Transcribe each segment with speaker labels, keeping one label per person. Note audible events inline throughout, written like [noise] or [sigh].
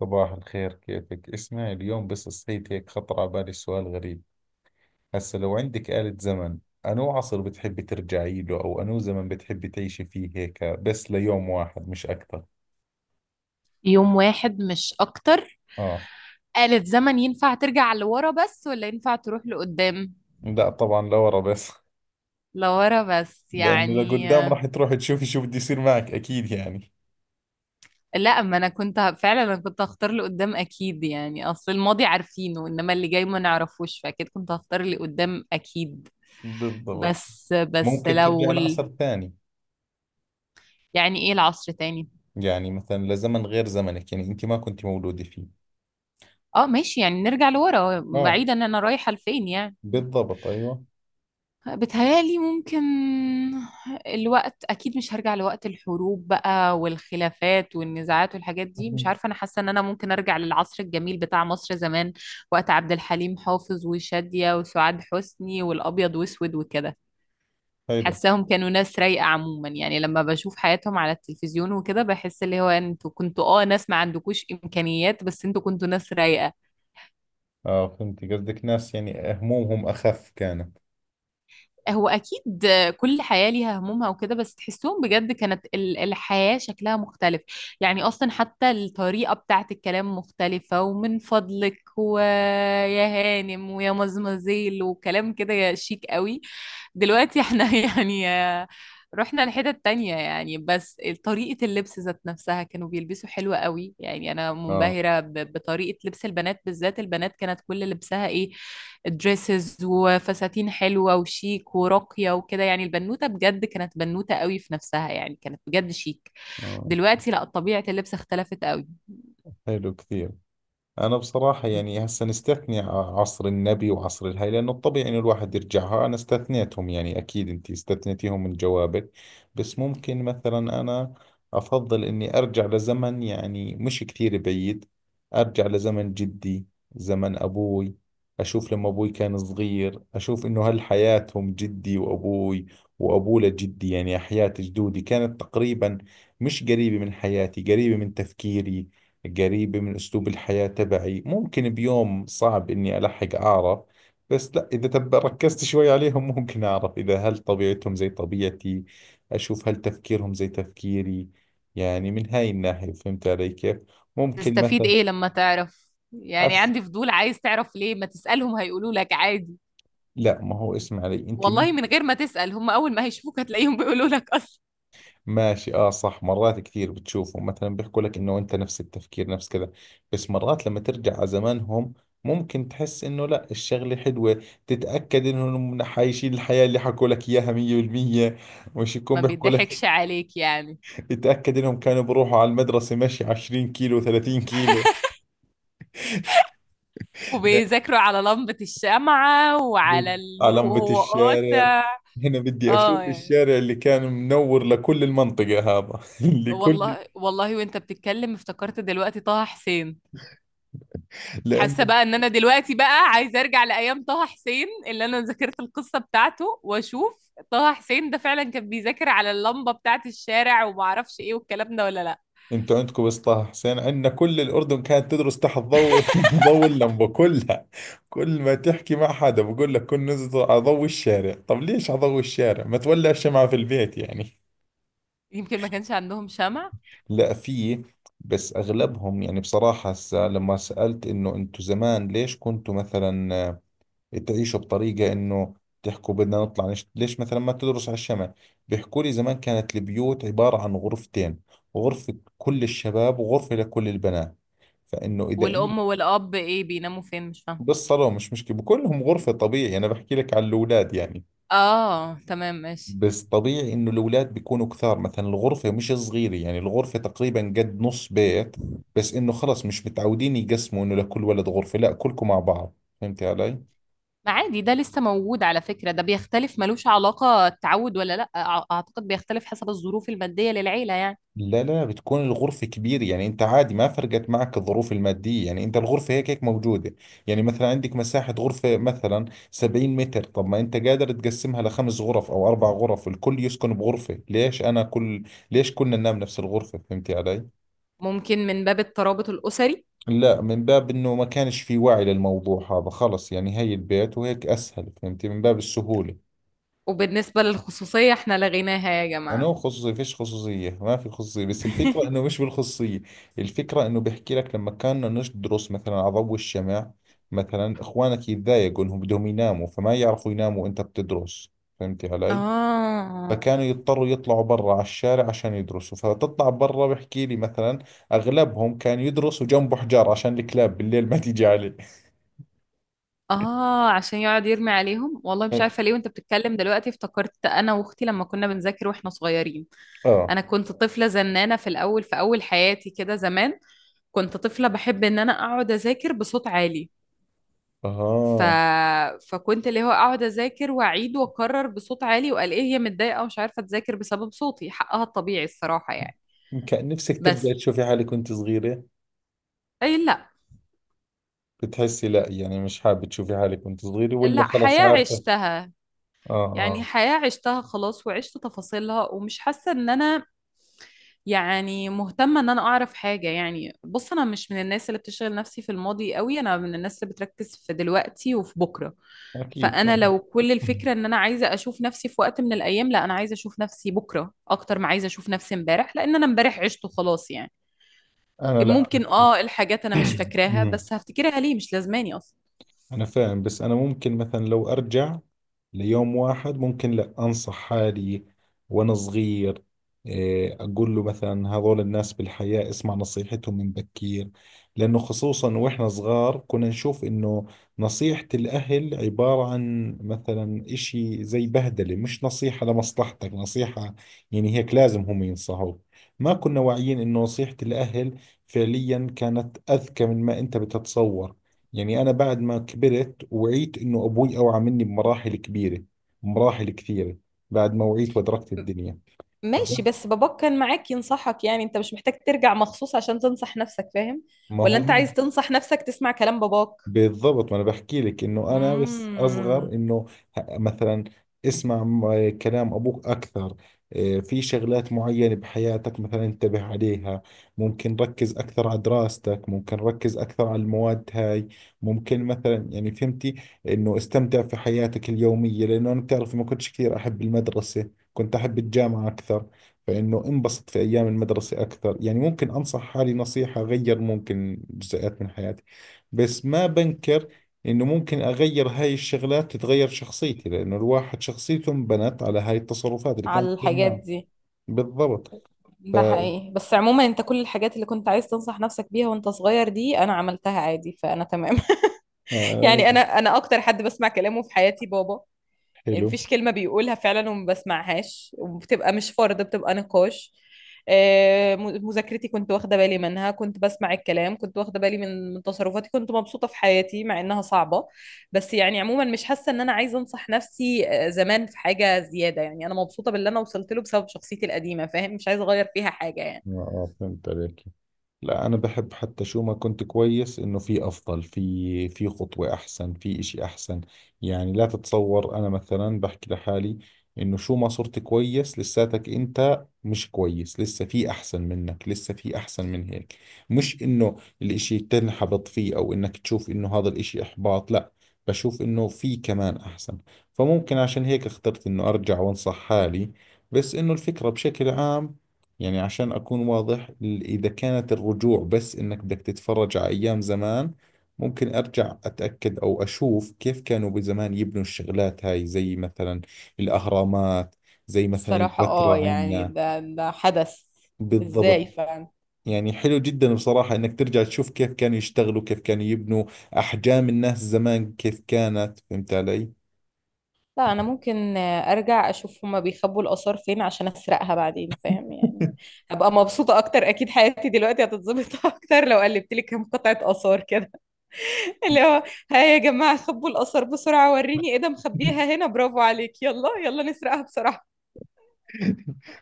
Speaker 1: صباح الخير، كيفك؟ اسمعي، اليوم بس صحيت هيك خطر على بالي سؤال غريب. هسا لو عندك آلة زمن، أنو عصر بتحبي ترجعي له أو أنو زمن بتحبي تعيشي فيه هيك بس ليوم واحد مش أكثر؟
Speaker 2: يوم واحد مش اكتر.
Speaker 1: آه.
Speaker 2: آلة زمن ينفع ترجع لورا بس ولا ينفع تروح لقدام؟
Speaker 1: لا طبعا لورا بس.
Speaker 2: لورا
Speaker 1: [laughs]
Speaker 2: بس
Speaker 1: لأنه
Speaker 2: يعني
Speaker 1: لقدام راح تروح تشوفي شو بده يصير معك أكيد يعني.
Speaker 2: لا، ما انا كنت ه- فعلا انا كنت هختار لقدام اكيد، يعني اصل الماضي عارفينه انما اللي جاي ما نعرفوش، فاكيد كنت هختار اللي قدام اكيد.
Speaker 1: بالضبط.
Speaker 2: بس
Speaker 1: ممكن ترجع لعصر ثاني.
Speaker 2: يعني ايه العصر تاني؟
Speaker 1: يعني مثلا لزمن غير زمنك، يعني أنت ما كنت مولودة فيه.
Speaker 2: اه ماشي، يعني نرجع لورا
Speaker 1: آه.
Speaker 2: بعيدا، انا رايحة لفين يعني؟
Speaker 1: بالضبط، أيوة.
Speaker 2: بتهيألي ممكن الوقت. أكيد مش هرجع لوقت الحروب بقى والخلافات والنزاعات والحاجات دي، مش
Speaker 1: [laughs]
Speaker 2: عارفة، أنا حاسة إن أنا ممكن أرجع للعصر الجميل بتاع مصر زمان، وقت عبد الحليم حافظ وشادية وسعاد حسني والأبيض وأسود وكده.
Speaker 1: حلو.
Speaker 2: حاساهم كانوا ناس رايقة عموما، يعني لما بشوف حياتهم على التلفزيون وكده بحس اللي هو انتوا كنتوا ناس ما عندكوش إمكانيات بس انتوا كنتوا ناس رايقة.
Speaker 1: اه، فهمت قصدك، ناس يعني همومهم اخف كانت.
Speaker 2: هو اكيد كل حياه ليها همومها وكده، بس تحسهم بجد كانت الحياه شكلها مختلف. يعني اصلا حتى الطريقه بتاعت الكلام مختلفه، ومن فضلك ويا هانم ويا مزمزيل وكلام كده شيك قوي. دلوقتي احنا [laughs] يعني رحنا لحتت تانية يعني. بس طريقة اللبس ذات نفسها كانوا بيلبسوا حلوة قوي، يعني أنا
Speaker 1: اه،
Speaker 2: منبهرة بطريقة لبس البنات، بالذات البنات كانت كل لبسها إيه، دريسز وفساتين حلوة وشيك وراقية وكده، يعني البنوتة بجد كانت بنوتة قوي في نفسها يعني، كانت بجد شيك.
Speaker 1: اه.
Speaker 2: دلوقتي لا، طبيعة اللبس اختلفت قوي.
Speaker 1: حلو كثير. أنا بصراحة يعني هسا نستثني عصر النبي وعصر الهي، لأنه الطبيعي إنه الواحد يرجعها، أنا استثنيتهم، يعني أكيد أنت استثنيتيهم من جوابك. بس ممكن مثلا أنا أفضل إني أرجع لزمن يعني مش كثير بعيد. أرجع لزمن جدي، زمن أبوي. أشوف لما أبوي كان صغير، أشوف إنه هل حياتهم جدي وأبوي وأبوه لجدي، يعني حياة جدودي كانت تقريبا مش قريبة من حياتي، قريبة من تفكيري، قريبة من أسلوب الحياة تبعي. ممكن بيوم صعب إني ألحق أعرف، بس لا، إذا تب ركزت شوي عليهم ممكن أعرف إذا هل طبيعتهم زي طبيعتي، أشوف هل تفكيرهم زي تفكيري. يعني من هاي الناحية فهمت علي كيف. ممكن
Speaker 2: تستفيد
Speaker 1: مثلا
Speaker 2: ايه لما تعرف؟ يعني
Speaker 1: أس...
Speaker 2: عندي فضول عايز تعرف ليه؟ ما تسألهم هيقولوا لك عادي.
Speaker 1: لا ما هو اسمع علي أنت.
Speaker 2: والله من غير ما تسأل، هم اول ما هيشوفوك هتلاقيهم بيقولوا لك اصلا.
Speaker 1: ماشي، اه صح، مرات كثير بتشوفهم مثلا بيحكوا لك انه انت نفس التفكير، نفس كذا. بس مرات لما ترجع على زمانهم ممكن تحس انه لا الشغلة حلوة. تتأكد انهم حايشين الحياة اللي حكوا لك اياها 100%، مش يكون
Speaker 2: ما
Speaker 1: بيحكوا لك.
Speaker 2: بيضحكش عليك يعني.
Speaker 1: [laughs] تتأكد انهم كانوا بروحوا على المدرسة مشي 20 كيلو، 30 كيلو.
Speaker 2: وبيذاكروا على لمبة الشمعة وعلى
Speaker 1: [laughs]
Speaker 2: النور
Speaker 1: على لمبة
Speaker 2: وهو
Speaker 1: الشارع.
Speaker 2: قاطع.
Speaker 1: هنا بدي
Speaker 2: اه
Speaker 1: أشوف
Speaker 2: يعني.
Speaker 1: الشارع اللي كان منور لكل المنطقة هذا، [laughs] لكل.
Speaker 2: والله والله وانت بتتكلم افتكرت دلوقتي طه حسين. حاسه
Speaker 1: لأنه
Speaker 2: بقى ان انا دلوقتي بقى عايزه ارجع لايام طه حسين، اللي انا ذاكرت القصه بتاعته، واشوف طه حسين ده فعلا كان بيذاكر على اللمبه بتاعه الشارع وما اعرفش ايه والكلام ده ولا لا.
Speaker 1: انتوا عندكم بس طه حسين، عندنا كل الاردن كانت تدرس تحت ضوء [laughs] ضوء اللمبه كلها. كل ما تحكي مع حدا بقول لك كن نزل على ضوء الشارع. طب ليش على ضوء الشارع؟ ما تولع الشمعة في البيت يعني.
Speaker 2: يمكن ما كانش عندهم شمع.
Speaker 1: لا، في، بس اغلبهم. يعني بصراحه هسه لما سالت انه انتوا زمان ليش كنتوا مثلا تعيشوا بطريقة إنه تحكوا بدنا نطلع ليش مثلا ما تدرس على الشمال، بيحكوا لي زمان كانت البيوت عبارة عن غرفتين، غرفة كل الشباب وغرفة لكل البنات. فإنه إذا أنت
Speaker 2: والام والاب ايه بيناموا فين؟ مش فاهمه.
Speaker 1: بالصالون مش مشكلة بكلهم غرفة طبيعي. أنا بحكي لك على الأولاد يعني.
Speaker 2: اه تمام ماشي.
Speaker 1: بس طبيعي إنه الأولاد بيكونوا كثار، مثلا الغرفة مش صغيرة، يعني الغرفة تقريبا قد نص بيت، بس إنه خلص مش متعودين يقسموا إنه لكل ولد غرفة، لا كلكم مع بعض. فهمت علي؟
Speaker 2: ما عادي، ده لسه موجود على فكره، ده بيختلف ملوش علاقه التعود ولا لا، اعتقد بيختلف حسب الظروف الماديه للعيله يعني.
Speaker 1: لا لا، بتكون الغرفة كبيرة، يعني انت عادي، ما فرقت معك الظروف المادية، يعني انت الغرفة هيك هيك موجودة. يعني مثلا عندك مساحة غرفة مثلا 70 متر، طب ما انت قادر تقسمها لخمس غرف او اربع غرف، الكل يسكن بغرفة. ليش انا كل، ليش كلنا ننام نفس الغرفة؟ فهمتي علي؟
Speaker 2: ممكن من باب الترابط الاسري.
Speaker 1: لا، من باب انه ما كانش في وعي للموضوع هذا، خلص يعني هي البيت وهيك اسهل، فهمتي، من باب السهولة.
Speaker 2: وبالنسبة للخصوصية احنا لغيناها يا جماعة.
Speaker 1: انا خصوصي فيش خصوصيه، ما في خصوصيه، بس الفكره انه
Speaker 2: [laughs]
Speaker 1: مش بالخصوصيه. الفكره انه بحكي لك لما كنا ندرس مثلا على ضوء الشمع، مثلا اخوانك يتضايقوا انهم بدهم يناموا فما يعرفوا يناموا وانت بتدرس. فهمتي علي؟
Speaker 2: اه
Speaker 1: فكانوا يضطروا يطلعوا برا على الشارع عشان يدرسوا، فتطلع برا بحكي لي مثلا اغلبهم كان يدرسوا جنبه حجار عشان الكلاب بالليل ما تيجي عليه.
Speaker 2: اه. عشان يقعد يرمي عليهم. والله مش عارفة
Speaker 1: [laughs]
Speaker 2: ليه وانت بتتكلم دلوقتي افتكرت انا واختي لما كنا بنذاكر واحنا صغيرين.
Speaker 1: اه،
Speaker 2: انا كنت طفلة زنانة في الاول، في اول حياتي كده زمان، كنت طفلة بحب ان انا اقعد اذاكر بصوت عالي. ف...
Speaker 1: اه.
Speaker 2: فكنت اللي هو اقعد اذاكر واعيد واكرر بصوت عالي، وقال ايه هي متضايقة ومش عارفة تذاكر بسبب صوتي، حقها الطبيعي الصراحة يعني.
Speaker 1: كان نفسك ترجع
Speaker 2: بس
Speaker 1: تشوفي حالك وانت صغيرة؟
Speaker 2: اي لا.
Speaker 1: بتحسي لا، يعني مش حابة تشوفي حالك وانت صغيرة، ولا
Speaker 2: لا،
Speaker 1: خلص
Speaker 2: حياة
Speaker 1: عارفة؟
Speaker 2: عشتها،
Speaker 1: اه،
Speaker 2: يعني
Speaker 1: اه.
Speaker 2: حياة عشتها خلاص، وعشت تفاصيلها، ومش حاسة ان انا يعني مهتمة ان انا اعرف حاجة يعني. بص انا مش من الناس اللي بتشغل نفسي في الماضي قوي، انا من الناس اللي بتركز في دلوقتي وفي بكرة.
Speaker 1: اكيد
Speaker 2: فانا
Speaker 1: طبعا.
Speaker 2: لو كل
Speaker 1: [laughs]
Speaker 2: الفكرة ان انا عايزة اشوف نفسي في وقت من الايام، لا، انا عايزة اشوف نفسي بكرة اكتر ما عايزة اشوف نفسي امبارح، لان انا امبارح عشته خلاص يعني.
Speaker 1: انا لا،
Speaker 2: ممكن،
Speaker 1: عكسك.
Speaker 2: الحاجات انا مش
Speaker 1: [clears throat]
Speaker 2: فاكراها
Speaker 1: أمم.
Speaker 2: بس هفتكرها ليه، مش لازماني اصلا.
Speaker 1: أنا فاهم، بس أنا ممكن مثلا لو أرجع ليوم واحد ممكن لا أنصح حالي وأنا صغير. إيه، أقول له مثلا هذول الناس بالحياة اسمع نصيحتهم من بكير. لأنه خصوصا وإحنا صغار كنا نشوف إنه نصيحة الأهل عبارة عن مثلا إشي زي بهدلة، مش نصيحة لمصلحتك نصيحة، يعني هيك لازم هم ينصحوك. ما كنا واعيين إنه نصيحة الأهل فعليا كانت أذكى من ما أنت بتتصور. يعني أنا بعد ما كبرت وعيت إنه أبوي أوعى مني بمراحل كبيرة، بمراحل كثيرة، بعد ما وعيت وأدركت الدنيا.
Speaker 2: ماشي، بس باباك كان معاك ينصحك، يعني انت مش محتاج ترجع مخصوص عشان تنصح نفسك، فاهم؟
Speaker 1: فما
Speaker 2: ولا انت
Speaker 1: هو
Speaker 2: عايز تنصح نفسك تسمع كلام باباك؟
Speaker 1: بالضبط، ما انا بحكي لك انه انا بس اصغر
Speaker 2: امم.
Speaker 1: انه مثلا اسمع كلام ابوك اكثر. إيه، في شغلات معينة بحياتك مثلا انتبه عليها. ممكن ركز اكثر على دراستك، ممكن ركز اكثر على المواد هاي، ممكن مثلا يعني فهمتي انه استمتع في حياتك اليومية. لانه انا بتعرفي ما كنتش كثير احب المدرسة، كنت احب الجامعة اكثر. فانه انبسط في ايام المدرسة اكثر. يعني ممكن انصح حالي نصيحة غير، ممكن جزئيات من حياتي، بس ما بنكر انه ممكن اغير هاي الشغلات تتغير شخصيتي، لانه الواحد شخصيته انبنت على هاي التصرفات اللي كانت
Speaker 2: على
Speaker 1: تصير
Speaker 2: الحاجات
Speaker 1: معه.
Speaker 2: دي.
Speaker 1: بالضبط. ف
Speaker 2: ده حقيقي، بس عموما انت كل الحاجات اللي كنت عايز تنصح نفسك بيها وانت صغير دي انا عملتها عادي، فانا تمام. [laughs]
Speaker 1: آه،
Speaker 2: يعني انا اكتر حد بسمع كلامه في حياتي بابا. يعني
Speaker 1: حلو.
Speaker 2: مفيش كلمة بيقولها فعلا وما بسمعهاش، وبتبقى مش فرض، بتبقى نقاش. مذاكرتي كنت واخدة بالي منها، كنت بسمع الكلام، كنت واخدة بالي من تصرفاتي، كنت مبسوطة في حياتي مع إنها صعبة. بس يعني عموما مش حاسة إن أنا عايزة أنصح نفسي زمان في حاجة زيادة، يعني أنا مبسوطة باللي أنا وصلت له بسبب شخصيتي القديمة، فاهم؟ مش عايزة أغير فيها حاجة يعني.
Speaker 1: اه، آه، فهمت عليك. لا انا بحب حتى شو ما كنت كويس انه في افضل، في في خطوة احسن، في اشي احسن. يعني لا تتصور انا مثلا بحكي لحالي انه شو ما صرت كويس لساتك انت مش كويس، لسه في احسن منك، لسه في احسن من هيك. مش انه الاشي تنحبط فيه او انك تشوف انه هذا الاشي احباط، لا، بشوف انه في كمان احسن. فممكن عشان هيك اخترت انه ارجع وانصح حالي. بس انه الفكرة بشكل عام، يعني عشان أكون واضح، إذا كانت الرجوع بس إنك بدك تتفرج على أيام زمان، ممكن أرجع أتأكد أو أشوف كيف كانوا بزمان يبنوا الشغلات هاي، زي مثلا الأهرامات، زي مثلا
Speaker 2: الصراحة
Speaker 1: البتراء
Speaker 2: يعني
Speaker 1: عندنا.
Speaker 2: ده حدث
Speaker 1: بالضبط.
Speaker 2: ازاي؟
Speaker 1: يعني حلو جدا بصراحة إنك ترجع تشوف كيف كانوا يشتغلوا، كيف كانوا يبنوا، أحجام الناس زمان كيف كانت، فهمت علي؟
Speaker 2: لا، انا ممكن ارجع اشوف هما بيخبوا الاثار فين عشان اسرقها بعدين، فاهم يعني؟ هبقى مبسوطه اكتر اكيد، حياتي دلوقتي هتتظبط [laughs] اكتر لو قلبت لي كام قطعه اثار كده. [laughs] اللي هو ها يا جماعه خبوا الاثار بسرعه، وريني ايه ده، مخبيها
Speaker 1: [laughs]
Speaker 2: هنا، برافو عليك، يلا يلا نسرقها بسرعه.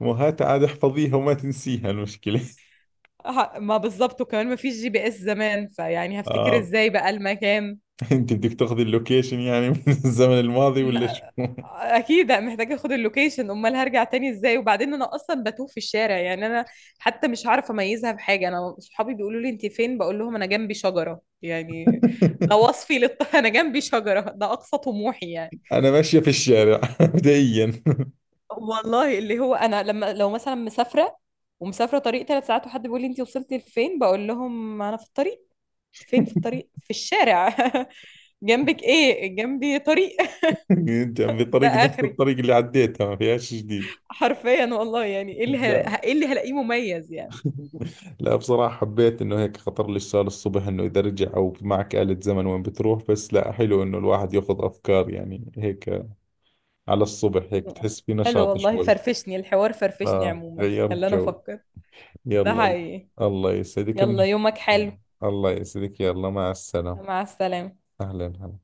Speaker 1: وهات عاد احفظيها وما تنسيها المشكلة. [laughs]
Speaker 2: ما بالظبط، وكمان ما فيش GPS زمان فيعني هفتكر
Speaker 1: آه.
Speaker 2: ازاي بقى المكان.
Speaker 1: انت بدك تاخذي اللوكيشن يعني من الزمن الماضي
Speaker 2: م-
Speaker 1: ولا شو؟ [laughs]
Speaker 2: اكيد محتاجه اخد اللوكيشن، امال هرجع تاني ازاي؟ وبعدين انا اصلا بتوه في الشارع يعني، انا حتى مش عارفه اميزها بحاجه، انا صحابي بيقولوا لي انت فين، بقول لهم انا جنبي شجره يعني. [laughs] انا جنبي شجره، ده اقصى طموحي يعني.
Speaker 1: انا ماشية في الشارع [laughs] بدئيا. [laughs]
Speaker 2: والله اللي هو انا لما لو مثلا مسافره، ومسافره طريق 3 ساعات، وحد بيقول لي انت وصلتي لفين، بقول لهم انا في الطريق. فين في الطريق؟ في الشارع. [laughs] جنبك ايه؟ جنبي طريق.
Speaker 1: انت عم
Speaker 2: [laughs] ده
Speaker 1: بطريق نفس
Speaker 2: اخري.
Speaker 1: الطريق اللي عديتها ما فيهاش جديد.
Speaker 2: حرفيا والله. يعني
Speaker 1: لا
Speaker 2: ايه اللي هلاقيه مميز يعني؟
Speaker 1: لا، بصراحة حبيت انه هيك خطر لي السؤال الصبح انه اذا رجع او معك آلة زمن وين بتروح. بس لا حلو انه الواحد ياخذ افكار يعني هيك على الصبح، هيك بتحس في
Speaker 2: حلو
Speaker 1: نشاط
Speaker 2: والله،
Speaker 1: شوي.
Speaker 2: فرفشني الحوار، فرفشني
Speaker 1: اه،
Speaker 2: عموما،
Speaker 1: غيرت
Speaker 2: خلاني
Speaker 1: جو.
Speaker 2: افكر. ده
Speaker 1: يلا،
Speaker 2: حقيقي.
Speaker 1: الله يسعدك،
Speaker 2: يلا
Speaker 1: منيح.
Speaker 2: يومك حلو.
Speaker 1: الله يسعدك، يلا مع السلامة.
Speaker 2: مع السلامة.
Speaker 1: اهلا هلا.